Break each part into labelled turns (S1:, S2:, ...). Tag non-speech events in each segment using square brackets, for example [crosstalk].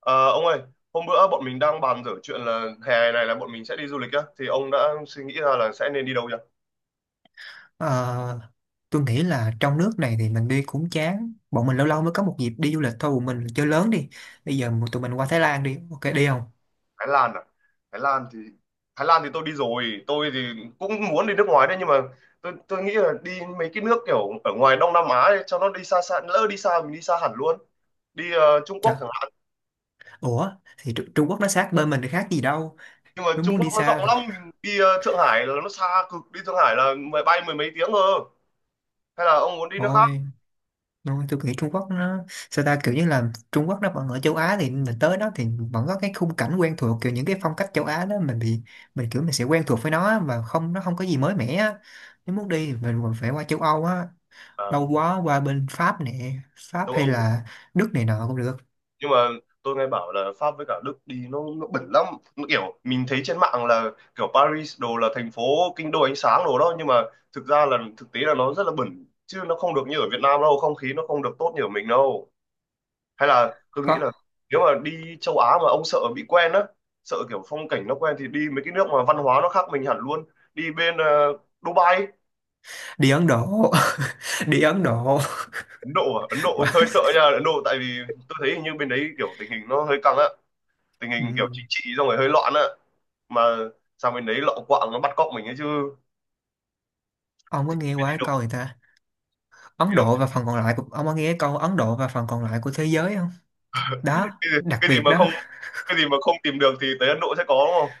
S1: Ờ, ông ơi, hôm bữa bọn mình đang bàn dở chuyện là hè này là bọn mình sẽ đi du lịch á, thì ông đã suy nghĩ ra là sẽ nên đi đâu chưa?
S2: Ờ, tôi nghĩ là trong nước này thì mình đi cũng chán. Bọn mình lâu lâu mới có một dịp đi du lịch thôi, bọn mình chơi lớn đi. Bây giờ tụi mình qua Thái Lan đi, ok đi không?
S1: Thái Lan à? Thái Lan thì Thái Lan thì tôi đi rồi, tôi thì cũng muốn đi nước ngoài đấy, nhưng mà tôi nghĩ là đi mấy cái nước kiểu ở ngoài Đông Nam Á ấy, cho nó đi xa xa, lỡ đi xa mình đi xa hẳn luôn. Đi Trung Quốc
S2: Trời,
S1: chẳng hạn.
S2: ủa thì Trung Quốc nó sát bên mình thì khác gì đâu?
S1: Nhưng mà
S2: Nếu
S1: Trung
S2: muốn đi
S1: Quốc nó
S2: xa
S1: rộng
S2: thì
S1: lắm, mình đi Thượng Hải là nó xa cực, đi Thượng Hải là mười mấy tiếng cơ. Hay là ông muốn đi nước khác?
S2: thôi thôi tôi nghĩ Trung Quốc nó, sao ta, kiểu như là Trung Quốc nó vẫn ở châu Á, thì mình tới đó thì vẫn có cái khung cảnh quen thuộc, kiểu những cái phong cách châu Á đó, mình bị mình kiểu mình sẽ quen thuộc với nó á, và không, nó không có gì mới mẻ á. Nếu muốn đi thì mình còn phải qua châu Âu á,
S1: À,
S2: lâu quá, qua bên Pháp nè, Pháp
S1: châu
S2: hay
S1: Âu.
S2: là Đức này nọ cũng được.
S1: Nhưng mà tôi nghe bảo là Pháp với cả Đức đi nó bẩn lắm. Nó kiểu mình thấy trên mạng là kiểu Paris đồ là thành phố kinh đô ánh sáng đồ đó, nhưng mà thực ra là thực tế là nó rất là bẩn, chứ nó không được như ở Việt Nam đâu, không khí nó không được tốt như ở mình đâu. Hay là tôi nghĩ
S2: Khó.
S1: là nếu mà đi châu Á mà ông sợ bị quen á, sợ kiểu phong cảnh nó quen thì đi mấy cái nước mà văn hóa nó khác mình hẳn luôn. Đi bên Dubai.
S2: Đi Ấn Độ, [laughs] đi Ấn Độ.
S1: Ấn Độ à? Ấn
S2: [laughs]
S1: Độ [laughs] hơi
S2: Qua-
S1: sợ nha. Ấn Độ tại vì tôi thấy hình như bên đấy kiểu tình hình nó hơi căng á, tình hình kiểu chính
S2: Ừm,
S1: trị xong rồi hơi loạn á, mà sang bên đấy lọ quạng nó bắt cóc mình ấy chứ.
S2: ông có
S1: Thích
S2: nghe qua
S1: đi
S2: cái
S1: đâu
S2: câu người ta Ấn
S1: đi đâu,
S2: Độ và phần còn lại của... ông có nghe cái câu Ấn Độ và phần còn lại của thế giới không? Đó,
S1: cái gì,
S2: đặc
S1: cái gì
S2: biệt
S1: mà
S2: đó.
S1: không cái gì mà không tìm được thì tới Ấn Độ sẽ có, đúng không?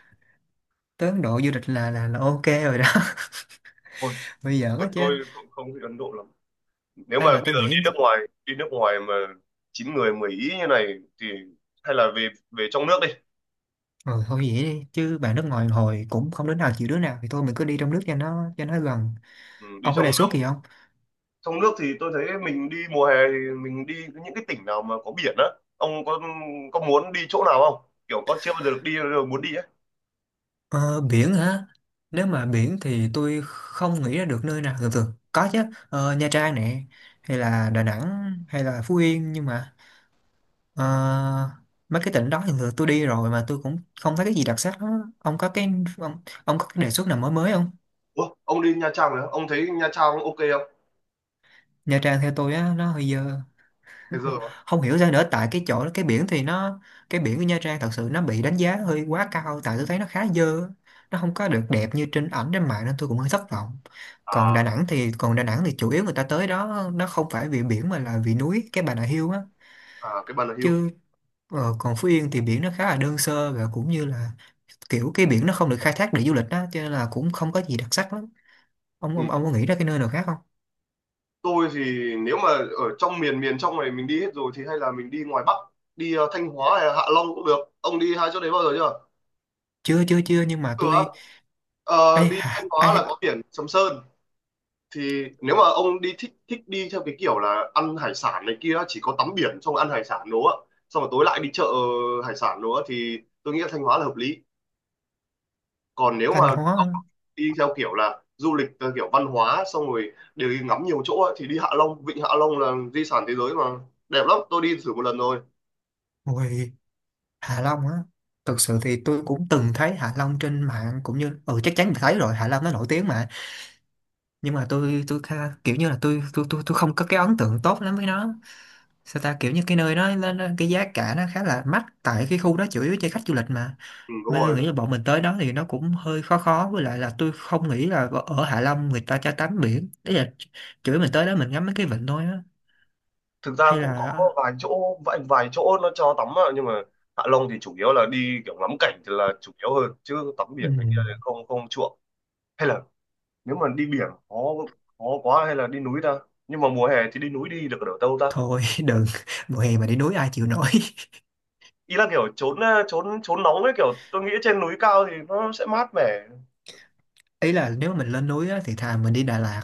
S2: Tới Ấn Độ du lịch là là ok rồi đó.
S1: Ôi,
S2: [laughs] Bây giờ á chứ.
S1: tôi không không thích Ấn Độ lắm. Nếu
S2: Ai
S1: mà
S2: mà,
S1: bây
S2: tôi
S1: giờ
S2: nghĩ.
S1: đi nước ngoài, đi nước ngoài mà chín người mười ý như này thì hay là về về trong nước đi.
S2: Ừ, thôi vậy đi, chứ bạn nước ngoài hồi cũng không đứa nào chịu đứa nào thì thôi mình cứ đi trong nước cho nó gần.
S1: Ừ, đi
S2: Ông có
S1: trong
S2: đề xuất
S1: nước.
S2: gì không?
S1: Trong nước thì tôi thấy mình đi mùa hè thì mình đi những cái tỉnh nào mà có biển á. Ông có muốn đi chỗ nào không, kiểu có chưa bao giờ được đi rồi muốn đi ấy?
S2: Ờ, biển hả? Nếu mà biển thì tôi không nghĩ ra được nơi nào. Thường thường có chứ, Ờ, Nha Trang nè, hay là Đà Nẵng, hay là Phú Yên, nhưng mà ờ, mấy cái tỉnh đó thì thường tôi đi rồi mà tôi cũng không thấy cái gì đặc sắc đó. Ông có cái, ông, ông có cái đề xuất nào mới mới không?
S1: Ủa, ông đi Nha Trang rồi á? Ông thấy Nha Trang ok không?
S2: Nha Trang theo tôi á, nó hơi dơ.
S1: Thế giờ
S2: Không,
S1: mà
S2: không hiểu sao nữa, tại cái chỗ cái biển thì nó, cái biển của Nha Trang thật sự nó bị đánh giá hơi quá cao, tại tôi thấy nó khá dơ, nó không có được đẹp như trên ảnh trên mạng nên tôi cũng hơi thất vọng.
S1: à
S2: Còn Đà Nẵng thì chủ yếu người ta tới đó nó không phải vì biển mà là vì núi, cái Bà Nà Hills á.
S1: à cái bàn là hưu.
S2: Chứ ờ, còn Phú Yên thì biển nó khá là đơn sơ và cũng như là kiểu cái biển nó không được khai thác để du lịch á, cho nên là cũng không có gì đặc sắc lắm.
S1: Ừ.
S2: Ông có nghĩ ra cái nơi nào khác không?
S1: Tôi thì nếu mà ở trong miền miền trong này mình đi hết rồi thì hay là mình đi ngoài Bắc. Đi Thanh Hóa hay là Hạ Long cũng được, ông đi hai chỗ đấy bao giờ chưa?
S2: Chưa chưa Chưa nhưng mà
S1: Cửa,
S2: tôi, ấy,
S1: Đi Thanh Hóa là có biển Sầm Sơn, thì nếu mà ông đi thích thích đi theo cái kiểu là ăn hải sản này kia, chỉ có tắm biển xong ăn hải sản đồ, xong rồi tối lại đi chợ hải sản đồ thì tôi nghĩ là Thanh Hóa là hợp lý. Còn nếu mà
S2: Thanh Hóa
S1: cậu
S2: á.
S1: đi theo kiểu là du lịch theo kiểu văn hóa, xong rồi đều đi ngắm nhiều chỗ ấy, thì đi Hạ Long. Vịnh Hạ Long là di sản thế giới mà, đẹp lắm, tôi đi thử một lần rồi.
S2: Ôi, Hạ Long á, thực sự thì tôi cũng từng thấy Hạ Long trên mạng cũng như ừ chắc chắn phải thấy rồi, Hạ Long nó nổi tiếng mà. Nhưng mà tôi kiểu như là tôi không có cái ấn tượng tốt lắm với nó, sao ta, kiểu như cái nơi đó cái giá cả nó khá là mắc, tại cái khu đó chủ yếu cho khách du lịch mà,
S1: Ừ, đúng
S2: nên tôi
S1: rồi.
S2: nghĩ là bọn mình tới đó thì nó cũng hơi khó khó, với lại là tôi không nghĩ là ở ở Hạ Long người ta cho tắm biển, đấy là chủ yếu mình tới đó mình ngắm mấy cái vịnh thôi á.
S1: Thực ra
S2: Hay
S1: cũng có
S2: là
S1: vài chỗ nó cho tắm ạ, nhưng mà Hạ Long thì chủ yếu là đi kiểu ngắm cảnh thì là chủ yếu hơn, chứ tắm
S2: ừ,
S1: biển này kia thì không không chuộng. Hay là nếu mà đi biển khó khó quá, hay là đi núi ta? Nhưng mà mùa hè thì đi núi đi được ở đâu ta?
S2: thôi [laughs] đừng, mùa hè mà đi núi ai chịu nổi.
S1: Ý là kiểu trốn ờ, trốn trốn nóng ấy, kiểu tôi nghĩ trên núi cao thì nó sẽ mát mẻ.
S2: Ý là nếu mà mình lên núi á, thì thà mình đi Đà Lạt,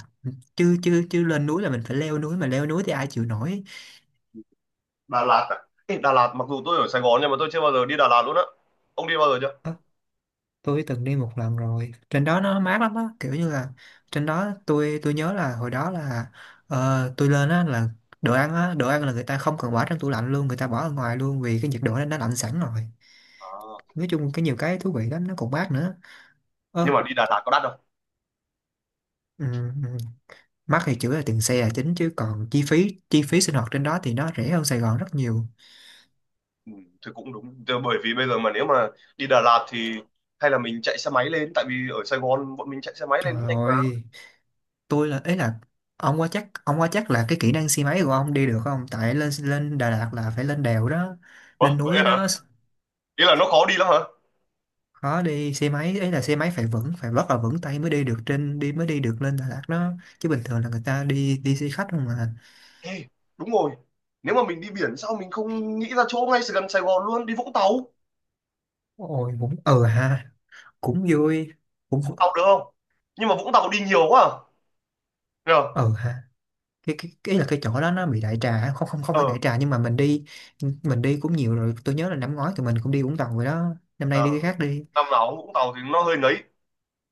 S2: chứ chứ chứ lên núi là mình phải leo núi, mà leo núi thì ai chịu nổi.
S1: Đà Lạt à? Ê, Đà Lạt mặc dù tôi ở Sài Gòn nhưng mà tôi chưa bao giờ đi Đà Lạt luôn á. Ông đi bao giờ chưa?
S2: Ờ, tôi từng đi một lần rồi, trên đó nó mát lắm á, kiểu như là trên đó tôi nhớ là hồi đó là ờ, tôi lên á là đồ ăn á, đồ ăn là người ta không cần bỏ trong tủ lạnh luôn, người ta bỏ ở ngoài luôn vì cái nhiệt độ đó nó lạnh sẵn rồi.
S1: À.
S2: Nói chung cái nhiều cái thú vị lắm, nó còn mát nữa.
S1: Nhưng
S2: Ờ.
S1: mà đi Đà Lạt có đắt không?
S2: ừm, ừm, Mắc thì chủ yếu là tiền xe là chính, chứ còn chi phí sinh hoạt trên đó thì nó rẻ hơn Sài Gòn rất nhiều.
S1: Ừ, thì cũng đúng. Thì bởi vì bây giờ mà nếu mà đi Đà Lạt thì hay là mình chạy xe máy lên, tại vì ở Sài Gòn bọn mình chạy xe máy lên
S2: Trời
S1: cũng nhanh mà.
S2: ơi, tôi là ấy là ông qua chắc là cái kỹ năng xe máy của ông đi được không, tại lên lên Đà Lạt là phải lên đèo đó,
S1: Ủa,
S2: lên
S1: vậy
S2: núi
S1: hả?
S2: đó.
S1: Ý là nó khó đi lắm hả?
S2: Khó đi xe máy, ấy là xe máy phải vững, phải rất là vững tay mới đi được, trên đi mới đi được lên Đà Lạt đó, chứ bình thường là người ta đi đi xe khách không mà.
S1: Ê, đúng rồi. Nếu mà mình đi biển sao mình không nghĩ ra chỗ ngay gần Sài Gòn luôn, đi Vũng Tàu?
S2: Ôi cũng ờ ha, cũng vui, cũng
S1: Vũng Tàu được không? Nhưng mà Vũng Tàu đi nhiều quá à? Nhờ?
S2: ờ ha. Cái là cái chỗ đó nó bị đại trà, không không không phải
S1: Ờ,
S2: đại trà nhưng mà mình đi, cũng nhiều rồi, tôi nhớ là năm ngoái tụi mình cũng đi Vũng Tàu rồi đó, năm nay đi
S1: ờ,
S2: cái khác đi.
S1: năm nào cũng Vũng Tàu thì nó hơi nấy.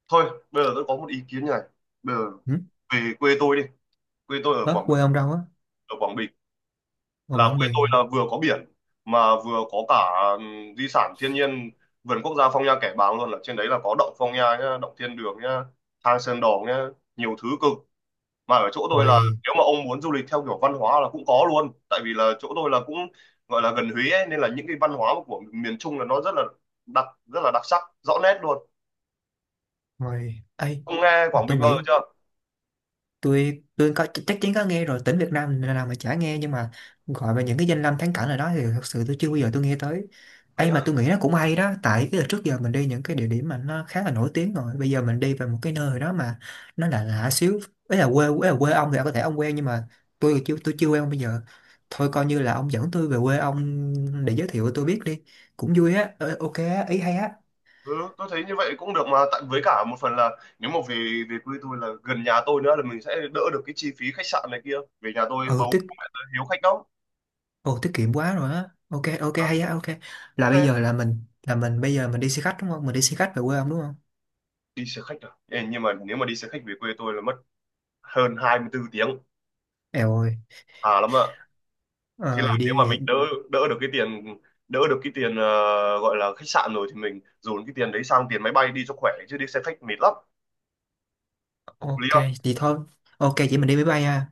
S1: Thôi, bây giờ tôi có một ý kiến như này. Bây giờ
S2: Ừ?
S1: về quê tôi đi, quê tôi ở
S2: Ủa,
S1: Quảng Bình.
S2: quê ông đâu á?
S1: Ở Quảng Bình,
S2: Ngoài
S1: là
S2: Quảng
S1: quê
S2: Bình.
S1: tôi là vừa có biển mà vừa có cả di sản thiên nhiên, vườn quốc gia Phong Nha Kẻ Bàng luôn, là trên đấy là có động Phong Nha nhá, động Thiên Đường nhá, hang Sơn đòn nhá, nhiều thứ cực. Mà ở chỗ tôi là
S2: Ôi,
S1: nếu mà ông muốn du lịch theo kiểu văn hóa là cũng có luôn, tại vì là chỗ tôi là cũng gọi là gần Huế ấy, nên là những cái văn hóa của miền Trung là nó rất là đặc, rất là đặc sắc rõ nét luôn.
S2: ôi, ấy
S1: Ông nghe
S2: mà
S1: Quảng
S2: tôi
S1: Bình bao giờ
S2: nghĩ,
S1: chưa?
S2: tôi có chắc chắn có nghe rồi, tỉnh Việt Nam nào mà chả nghe, nhưng mà gọi về những cái danh lam thắng cảnh ở đó thì thật sự tôi chưa bao giờ tôi nghe tới.
S1: Vậy.
S2: Ấy mà tôi nghĩ nó cũng hay đó, tại cái trước giờ mình đi những cái địa điểm mà nó khá là nổi tiếng rồi, bây giờ mình đi về một cái nơi đó mà nó là lạ xíu. Ấy là quê ông thì có thể ông quen, nhưng mà tôi chưa quen bây giờ. Thôi coi như là ông dẫn tôi về quê ông để giới thiệu tôi biết đi, cũng vui á. Ờ, ok á, ý hay á.
S1: Ừ, tôi thấy như vậy cũng được mà, tại với cả một phần là nếu mà về về quê tôi là gần nhà tôi nữa là mình sẽ đỡ được cái chi phí khách sạn này kia. Về nhà tôi
S2: Ừ.
S1: bầu bố mẹ tôi hiếu khách lắm.
S2: Ồ tiết kiệm quá rồi á. Ok ok
S1: Đó,
S2: hay á, ok. Là bây
S1: thế
S2: giờ là mình bây giờ mình đi xe khách đúng không? Mình đi xe khách về quê ông đúng không?
S1: đi xe khách à? Ê, nhưng mà nếu mà đi xe khách về quê tôi là mất hơn 24 tiếng
S2: Eo ơi.
S1: à, lắm ạ. Thế
S2: Ờ vậy
S1: là nếu mà
S2: đi
S1: mình
S2: vậy.
S1: đỡ đỡ được cái tiền đỡ được cái tiền gọi là khách sạn rồi thì mình dồn cái tiền đấy sang tiền máy bay đi cho khỏe, chứ đi xe khách mệt lắm. Hợp lý.
S2: Ok vậy thôi. Ok chị mình đi máy bay ha.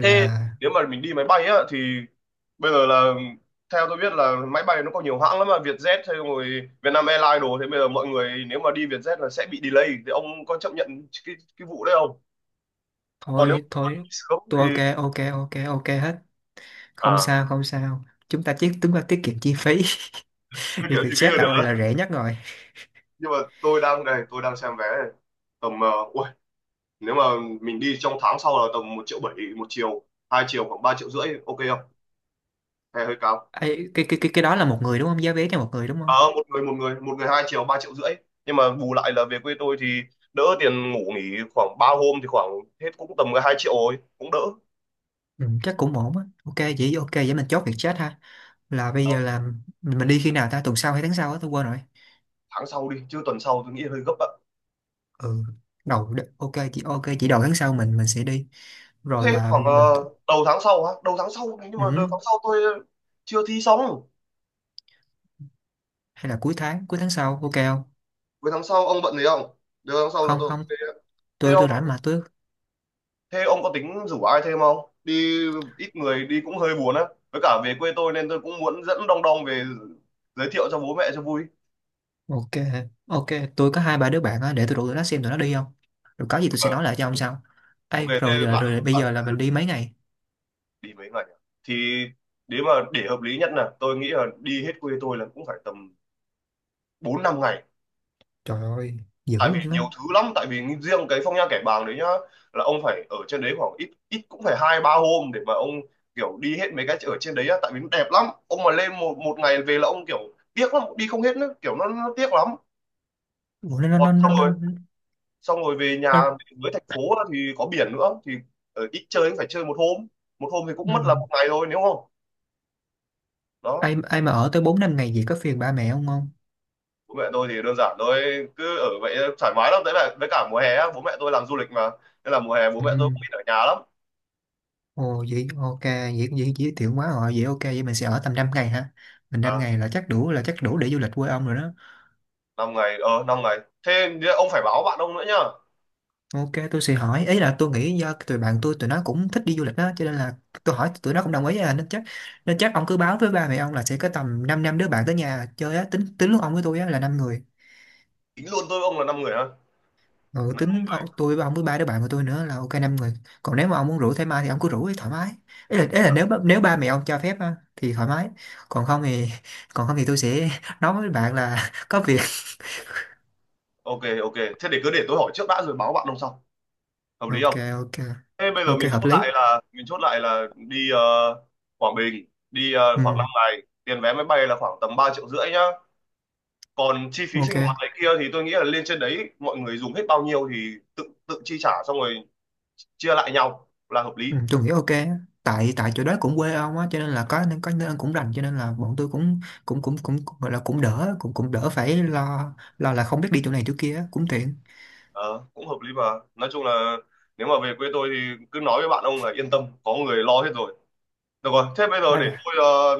S1: Thế nếu mà mình đi máy bay á thì bây giờ là theo tôi biết là máy bay nó có nhiều hãng lắm mà, Vietjet hay rồi Vietnam Airlines đồ, thế bây giờ mọi người nếu mà đi Vietjet là sẽ bị delay thì ông có chấp nhận cái vụ đấy không? Còn nếu
S2: thôi
S1: mà
S2: thôi
S1: đi sớm
S2: tôi
S1: thì,
S2: ok ok ok ok hết. Không
S1: à,
S2: sao không sao. Chúng ta tiết kiệm chi phí. [laughs]
S1: thương
S2: Đi
S1: hiệu gì bây
S2: Vietjet
S1: giờ
S2: là
S1: được.
S2: rẻ nhất rồi.
S1: Nhưng mà tôi đang đây tôi đang xem vé này. Tầm ui, nếu mà mình đi trong tháng sau là tầm 1,7 triệu một chiều, hai chiều khoảng 3,5 triệu, ok không, hay hơi cao?
S2: Ê, cái đó là một người đúng không? Giá vé cho một người đúng
S1: Ờ,
S2: không?
S1: một người, hai triệu, ba triệu rưỡi, nhưng mà bù lại là về quê tôi thì đỡ tiền ngủ nghỉ, khoảng ba hôm thì khoảng hết cũng tầm cái hai triệu rồi, cũng đỡ.
S2: Ừ, chắc cũng ổn á. Ok vậy mình chốt Vietjet ha. Là bây
S1: Ờ,
S2: giờ là mình đi khi nào ta? Tuần sau hay tháng sau á, tôi quên rồi.
S1: tháng sau đi chứ tuần sau tôi nghĩ hơi gấp ạ.
S2: Ừ, ok chị đầu tháng sau mình sẽ đi, rồi
S1: Thế
S2: là
S1: khoảng
S2: mình,
S1: đầu tháng sau á, đầu tháng sau nhưng mà đầu
S2: ừ,
S1: tháng sau tôi chưa thi xong.
S2: hay là cuối tháng sau ok không?
S1: Cuối tháng sau ông bận gì không? Đầu tháng sau là
S2: không
S1: tôi
S2: không
S1: về. thế
S2: tôi
S1: ông
S2: tôi rảnh mà tôi,
S1: thế ông có tính rủ ai thêm không? Đi ít người đi cũng hơi buồn á, với cả về quê tôi nên tôi cũng muốn dẫn đong đong về giới thiệu cho bố mẹ cho vui.
S2: ok ok. Tôi có hai ba đứa bạn á, để tôi rủ tụi nó xem tụi nó đi không, rồi có gì tôi
S1: Ờ,
S2: sẽ nói lại cho ông sau.
S1: ok.
S2: Ấy rồi,
S1: Thế
S2: rồi
S1: bạn
S2: rồi bây giờ là mình đi mấy ngày.
S1: đi mấy ngày à? Thì nếu mà để hợp lý nhất là tôi nghĩ là đi hết quê tôi là cũng phải tầm 4 5 ngày,
S2: Trời ơi, dữ
S1: tại vì
S2: luôn
S1: nhiều
S2: á.
S1: thứ lắm, tại vì riêng cái Phong Nha Kẻ Bàng đấy nhá, là ông phải ở trên đấy khoảng ít ít cũng phải hai ba hôm để mà ông kiểu đi hết mấy cái ở trên đấy á, tại vì nó đẹp lắm. Ông mà lên một một ngày về là ông kiểu tiếc lắm, đi không hết nữa, kiểu nó tiếc lắm.
S2: Ủa,
S1: Còn xong rồi xong rồi về nhà,
S2: nó.
S1: với thành phố á, thì có biển nữa thì ở ít chơi cũng phải chơi một hôm, một hôm thì cũng mất
S2: Ừ.
S1: là một ngày thôi, nếu không đó.
S2: Ai ai mà ở tới bốn năm ngày gì có phiền ba mẹ không không?
S1: Bố mẹ tôi thì đơn giản thôi, cứ ở vậy thoải mái lắm, đấy là với cả mùa hè á, bố mẹ tôi làm du lịch mà, nên là mùa hè bố
S2: Ừ.
S1: mẹ tôi cũng ít ở nhà lắm.
S2: Ồ vậy ok vậy, vậy giới thiệu quá rồi vậy, ok vậy mình sẽ ở tầm 5 ngày hả, mình năm
S1: À,
S2: ngày là chắc đủ để du lịch quê ông rồi đó.
S1: năm ngày, năm ngày, thế ông phải báo bạn ông nữa nhá.
S2: Ok tôi sẽ hỏi, ý là tôi nghĩ do tụi bạn tôi tụi nó cũng thích đi du lịch đó, cho nên là tôi hỏi tụi nó cũng đồng ý à, nên chắc ông cứ báo với ba mẹ ông là sẽ có tầm 5 năm năm đứa bạn tới nhà chơi á, tính tính lúc ông với tôi á là năm người.
S1: Tính luôn tôi với ông là năm người ha.
S2: Ừ, tính ông, tôi với ông với ba đứa bạn của tôi nữa là ok năm người. Còn nếu mà ông muốn rủ thêm ai thì ông cứ rủ ấy, thoải mái. Ý là nếu nếu ba mẹ ông cho phép á, thì thoải mái. Còn không thì [laughs] còn không thì tôi sẽ [laughs] nói với bạn là [laughs] có việc.
S1: Ok ok, thế để cứ để tôi hỏi trước đã rồi báo bạn ông sau, hợp lý
S2: ok
S1: không?
S2: ok
S1: Thế bây giờ
S2: Ok
S1: mình
S2: hợp
S1: chốt
S2: lý.
S1: lại là mình chốt lại là đi Quảng Bình, đi khoảng 5
S2: Ừ,
S1: ngày, tiền vé máy bay là khoảng tầm 3 triệu rưỡi nhá. Còn chi phí sinh hoạt
S2: ok.
S1: này kia thì tôi nghĩ là lên trên đấy mọi người dùng hết bao nhiêu thì tự tự chi trả, xong rồi chia lại nhau là hợp lý.
S2: Ừ, tôi nghĩ ok á. Tại tại chỗ đó cũng quê ông á, cho nên là có nên cũng rành, cho nên là bọn tôi cũng cũng cũng cũng, cũng gọi là cũng đỡ, cũng cũng đỡ phải lo, lo là không biết đi chỗ này chỗ kia á, cũng tiện.
S1: Ờ, cũng hợp lý mà. Nói chung là nếu mà về quê tôi thì cứ nói với bạn ông là yên tâm có người lo hết rồi. Được rồi, thế bây giờ
S2: Quá
S1: để
S2: đã.
S1: tôi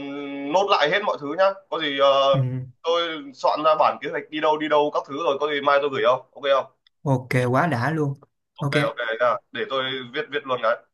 S1: nốt lại hết mọi thứ nhá. Có gì
S2: Ừ,
S1: tôi soạn ra bản kế hoạch đi đâu các thứ rồi có gì mai tôi gửi, không ok không?
S2: ok. Quá đã luôn.
S1: Ok
S2: Ok.
S1: ok nha, để tôi viết viết luôn cái.